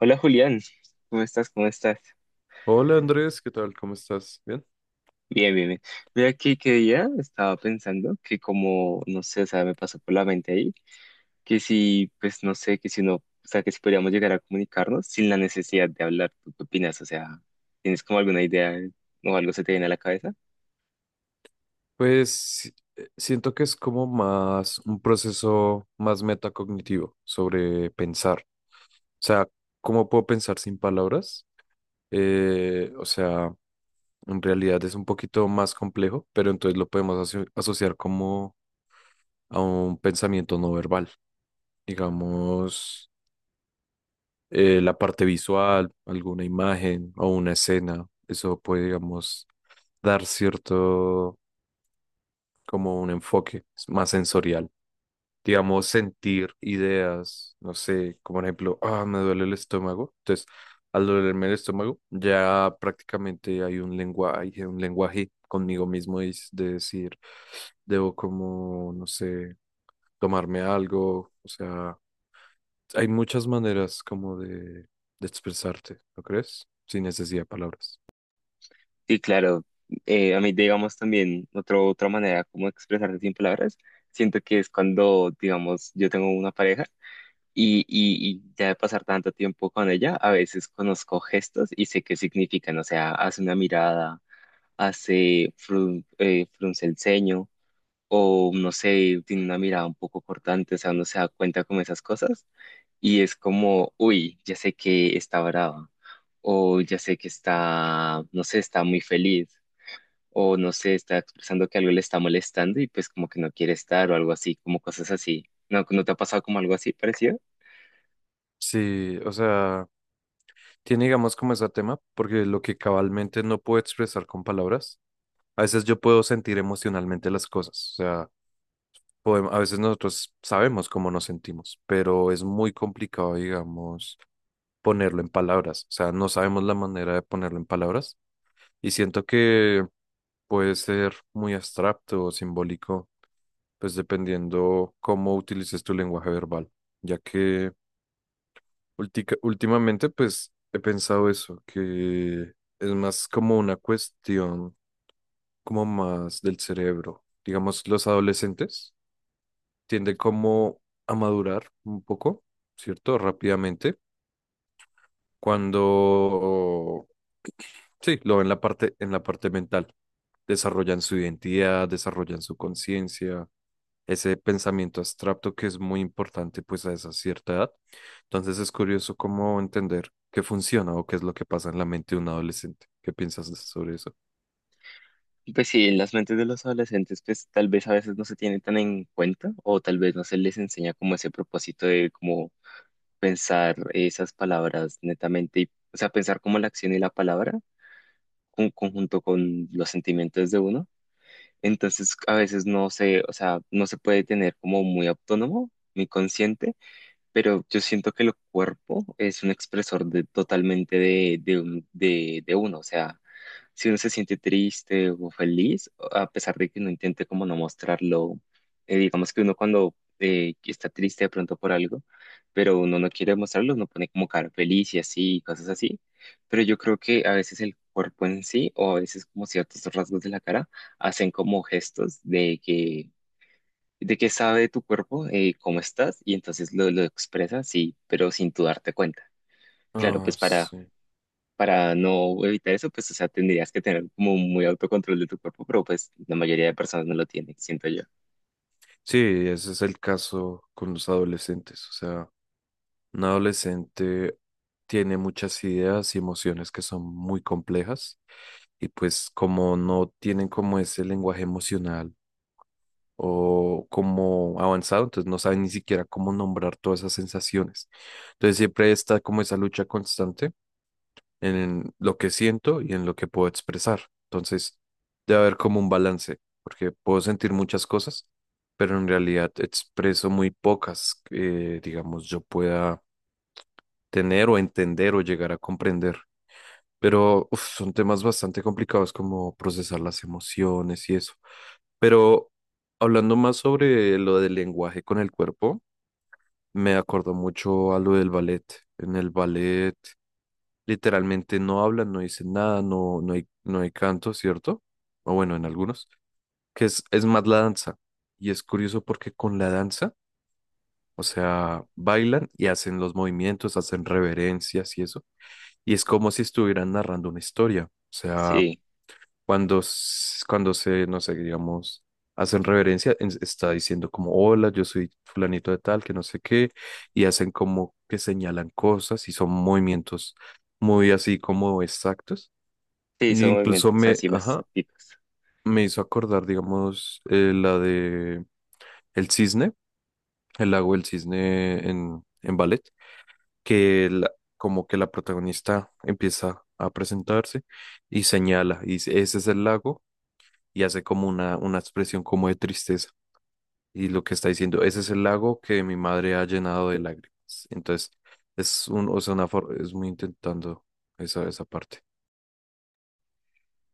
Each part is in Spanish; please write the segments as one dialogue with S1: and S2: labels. S1: Hola Julián, ¿cómo estás? ¿Cómo estás?
S2: Hola Andrés, ¿qué tal? ¿Cómo estás? ¿Bien?
S1: Bien, bien, bien. Mira aquí que día estaba pensando que como, no sé, o sea, me pasó por la mente ahí, que si, pues no sé, que si no, o sea, que si podríamos llegar a comunicarnos sin la necesidad de hablar, ¿tú qué opinas? O sea, ¿tienes como alguna idea o algo se te viene a la cabeza?
S2: Pues siento que es como más un proceso más metacognitivo sobre pensar. O sea, ¿cómo puedo pensar sin palabras? O sea, en realidad es un poquito más complejo, pero entonces lo podemos asociar como a un pensamiento no verbal. Digamos, la parte visual, alguna imagen o una escena. Eso puede, digamos, dar cierto como un enfoque más sensorial. Digamos, sentir ideas, no sé, como por ejemplo, ah, me duele el estómago. Entonces, al dolerme el estómago, ya prácticamente hay un lenguaje conmigo mismo de decir, debo como, no sé, tomarme algo. O sea, hay muchas maneras como de expresarte, ¿no crees? Sin necesidad de palabras.
S1: Sí, claro, a mí digamos también otra manera como expresarse sin palabras, siento que es cuando, digamos, yo tengo una pareja. Y ya de pasar tanto tiempo con ella, a veces conozco gestos y sé qué significan. O sea, hace una mirada, hace frunce el ceño, o no sé, tiene una mirada un poco cortante, o sea, uno se da cuenta como esas cosas. Y es como, uy, ya sé que está brava, o ya sé que está, no sé, está muy feliz, o no sé, está expresando que algo le está molestando y pues como que no quiere estar, o algo así, como cosas así. ¿No, no te ha pasado como algo así parecido?
S2: Sí, o sea, tiene digamos como ese tema, porque lo que cabalmente no puedo expresar con palabras, a veces yo puedo sentir emocionalmente las cosas. O sea, a veces nosotros sabemos cómo nos sentimos, pero es muy complicado, digamos, ponerlo en palabras. O sea, no sabemos la manera de ponerlo en palabras, y siento que puede ser muy abstracto o simbólico, pues dependiendo cómo utilices tu lenguaje verbal, ya que últimamente pues he pensado eso, que es más como una cuestión como más del cerebro. Digamos, los adolescentes tiende como a madurar un poco, ¿cierto? Rápidamente, cuando, sí, lo ven la parte, en la parte mental. Desarrollan su identidad, desarrollan su conciencia, ese pensamiento abstracto que es muy importante pues a esa cierta edad. Entonces es curioso cómo entender qué funciona o qué es lo que pasa en la mente de un adolescente. ¿Qué piensas sobre eso?
S1: Pues sí, en las mentes de los adolescentes, pues tal vez a veces no se tienen tan en cuenta o tal vez no se les enseña como ese propósito de como pensar esas palabras netamente, y, o sea, pensar como la acción y la palabra conjunto con los sentimientos de uno. Entonces, a veces no se, o sea, no se puede tener como muy autónomo, muy consciente, pero yo siento que el cuerpo es un expresor de, totalmente de uno, o sea si uno se siente triste o feliz, a pesar de que uno intente como no mostrarlo, digamos que uno cuando está triste de pronto por algo, pero uno no quiere mostrarlo, uno pone como cara feliz y así, y cosas así, pero yo creo que a veces el cuerpo en sí o a veces como ciertos rasgos de la cara hacen como gestos de que sabe tu cuerpo cómo estás y entonces lo expresas, sí, pero sin tú darte cuenta. Claro,
S2: Ah,
S1: pues
S2: sí.
S1: para no evitar eso, pues, o sea, tendrías que tener como muy autocontrol de tu cuerpo, pero pues la mayoría de personas no lo tienen, siento yo.
S2: Sí, ese es el caso con los adolescentes. O sea, un adolescente tiene muchas ideas y emociones que son muy complejas, y pues como no tienen como ese lenguaje emocional o como avanzado, entonces no saben ni siquiera cómo nombrar todas esas sensaciones. Entonces siempre está como esa lucha constante en lo que siento y en lo que puedo expresar. Entonces debe haber como un balance, porque puedo sentir muchas cosas, pero en realidad expreso muy pocas que, digamos, yo pueda tener o entender o llegar a comprender. Pero uf, son temas bastante complicados como procesar las emociones y eso. Pero hablando más sobre lo del lenguaje con el cuerpo, me acordó mucho a lo del ballet. En el ballet literalmente no hablan, no dicen nada, no hay canto, ¿cierto? O bueno, en algunos, que es más la danza. Y es curioso porque con la danza, o sea, bailan y hacen los movimientos, hacen reverencias y eso, y es como si estuvieran narrando una historia. O sea,
S1: Sí,
S2: cuando, cuando se, no sé, digamos, hacen reverencia, está diciendo como, hola, yo soy fulanito de tal, que no sé qué, y hacen como que señalan cosas y son movimientos muy así como exactos.
S1: sí,
S2: E
S1: son
S2: incluso
S1: movimientos
S2: me,
S1: así más
S2: ajá,
S1: activos.
S2: me hizo acordar, digamos, la de El Cisne, el lago del Cisne en ballet. que la- Como que la protagonista empieza a presentarse y señala, y dice, ese es el lago, y hace como una expresión como de tristeza. Y lo que está diciendo, ese es el lago que mi madre ha llenado de lágrimas. Entonces, o sea, una es muy intentando esa parte.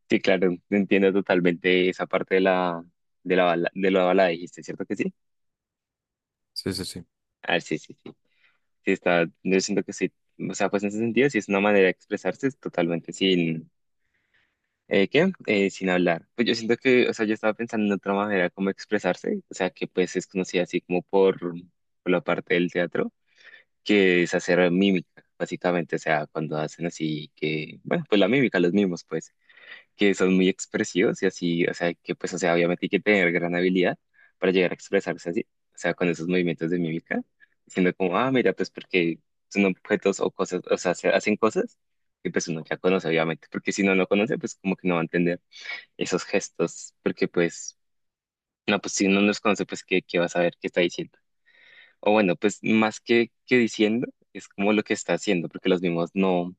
S1: Sí, claro, entiendo totalmente esa parte de la bala, dijiste, ¿cierto que sí?
S2: Sí, sí, sí,
S1: Ah, sí, sí, sí. Sí, está, yo siento que sí. O sea, pues en ese sentido, sí es una manera de expresarse es totalmente sin, ¿qué? Sin hablar. Pues yo siento que, o sea, yo estaba pensando en otra manera como expresarse, o sea, que pues es conocida así como por la parte del teatro que es hacer mímica, básicamente, o sea, cuando hacen así que, bueno, pues la mímica, los mismos, pues, que son muy expresivos y así, o sea, que pues, o sea, obviamente hay que tener gran habilidad para llegar a expresarse así, o sea, con esos movimientos de mímica, diciendo como, ah, mira, pues porque son objetos o cosas, o sea, se hacen cosas que pues uno ya conoce, obviamente, porque si no lo conoce, pues como que no va a entender esos gestos, porque pues, no, pues si uno no los conoce, pues, ¿qué, qué va a saber qué está diciendo? O bueno, pues más que diciendo, es como lo que está haciendo, porque los mismos no,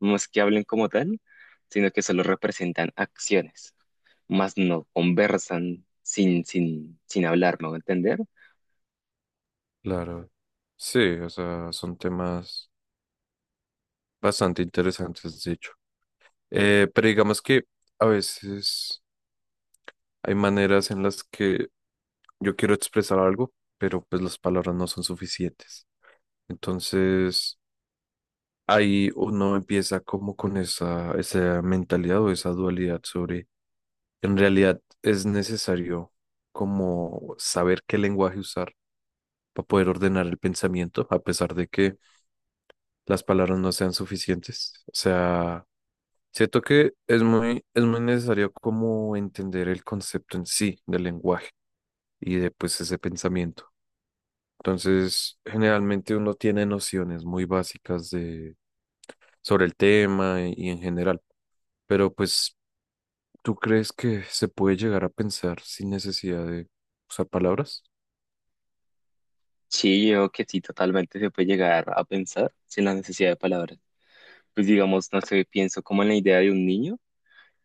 S1: no es que hablen como tal, sino que solo representan acciones, más no conversan sin hablar, ¿me voy a entender?
S2: claro. Sí, o sea, son temas bastante interesantes, de hecho. Pero digamos que a veces hay maneras en las que yo quiero expresar algo, pero pues las palabras no son suficientes. Entonces, ahí uno empieza como con esa mentalidad o esa dualidad sobre, en realidad es necesario como saber qué lenguaje usar para poder ordenar el pensamiento, a pesar de que las palabras no sean suficientes. O sea, siento que es muy necesario como entender el concepto en sí del lenguaje y de pues ese pensamiento. Entonces, generalmente uno tiene nociones muy básicas sobre el tema y, en general, pero pues, ¿tú crees que se puede llegar a pensar sin necesidad de usar palabras?
S1: Sí, yo que sí, totalmente se puede llegar a pensar sin la necesidad de palabras. Pues digamos, no sé, pienso como en la idea de un niño,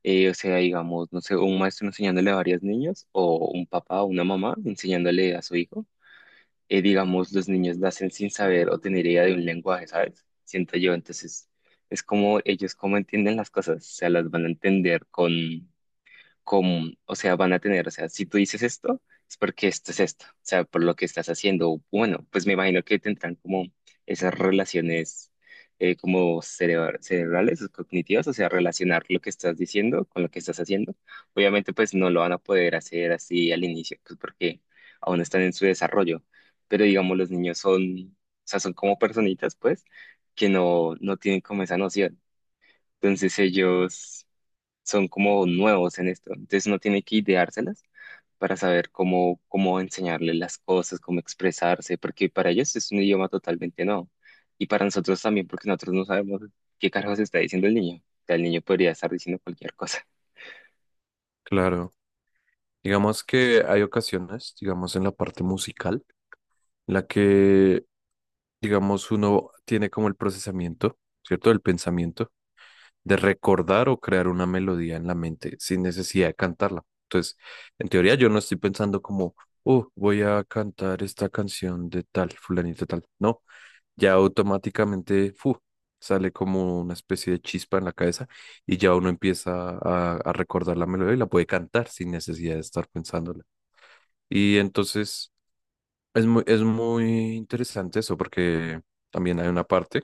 S1: o sea, digamos, no sé, un maestro enseñándole a varios niños, o un papá o una mamá enseñándole a su hijo. Digamos, los niños nacen sin saber o tener idea de un lenguaje, ¿sabes? Siento yo, entonces es como ellos cómo entienden las cosas, o sea, las van a entender con, como, o sea, van a tener, o sea, si tú dices esto, es porque esto es esto, o sea, por lo que estás haciendo. Bueno, pues me imagino que tendrán como esas relaciones como cerebrales o cognitivas, o sea, relacionar lo que estás diciendo con lo que estás haciendo. Obviamente, pues no lo van a poder hacer así al inicio, pues porque aún no están en su desarrollo, pero digamos, los niños son, o sea, son como personitas, pues, que no, no tienen como esa noción. Entonces ellos son como nuevos en esto, entonces uno tiene que ideárselas para saber cómo, cómo enseñarle las cosas, cómo expresarse, porque para ellos es un idioma totalmente nuevo. Y para nosotros también, porque nosotros no sabemos qué carajos está diciendo el niño. O sea, el niño podría estar diciendo cualquier cosa.
S2: Claro, digamos que hay ocasiones, digamos en la parte musical, en la que, digamos, uno tiene como el procesamiento, ¿cierto? El pensamiento de recordar o crear una melodía en la mente sin necesidad de cantarla. Entonces, en teoría yo no estoy pensando como, oh, voy a cantar esta canción de tal, fulanito tal. No, ya automáticamente sale como una especie de chispa en la cabeza, y ya uno empieza a recordar la melodía y la puede cantar sin necesidad de estar pensándola. Y entonces es muy interesante eso porque también hay una parte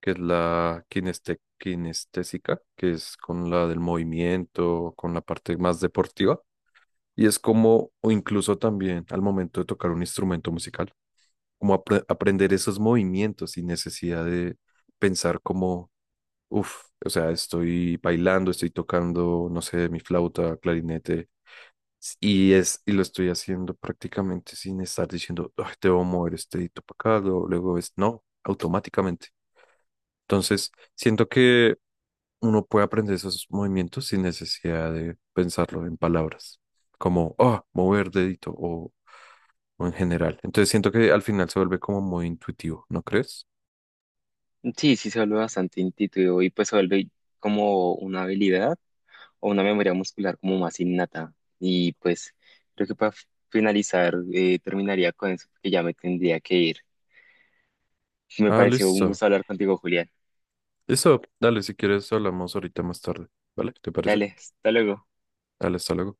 S2: que es la kinestésica, que es con la del movimiento, con la parte más deportiva, y es como, o incluso también al momento de tocar un instrumento musical, como aprender esos movimientos sin necesidad de pensar como, uff, o sea, estoy bailando, estoy tocando, no sé, mi flauta, clarinete. Y lo estoy haciendo prácticamente sin estar diciendo, "Ay, debo mover este dedito para acá", luego luego es, no, automáticamente. Entonces, siento que uno puede aprender esos movimientos sin necesidad de pensarlo en palabras, como ah, mover dedito o en general. Entonces siento que al final se vuelve como muy intuitivo, ¿no crees?
S1: Sí, sí, se vuelve bastante intuitivo y pues se vuelve como una habilidad o una memoria muscular como más innata. Y pues creo que para finalizar, terminaría con eso, porque ya me tendría que ir. Me
S2: Ah,
S1: pareció un
S2: listo.
S1: gusto hablar contigo, Julián.
S2: Listo, dale, si quieres hablamos ahorita más tarde, ¿vale? ¿Te parece?
S1: Dale, hasta luego.
S2: Dale, hasta luego.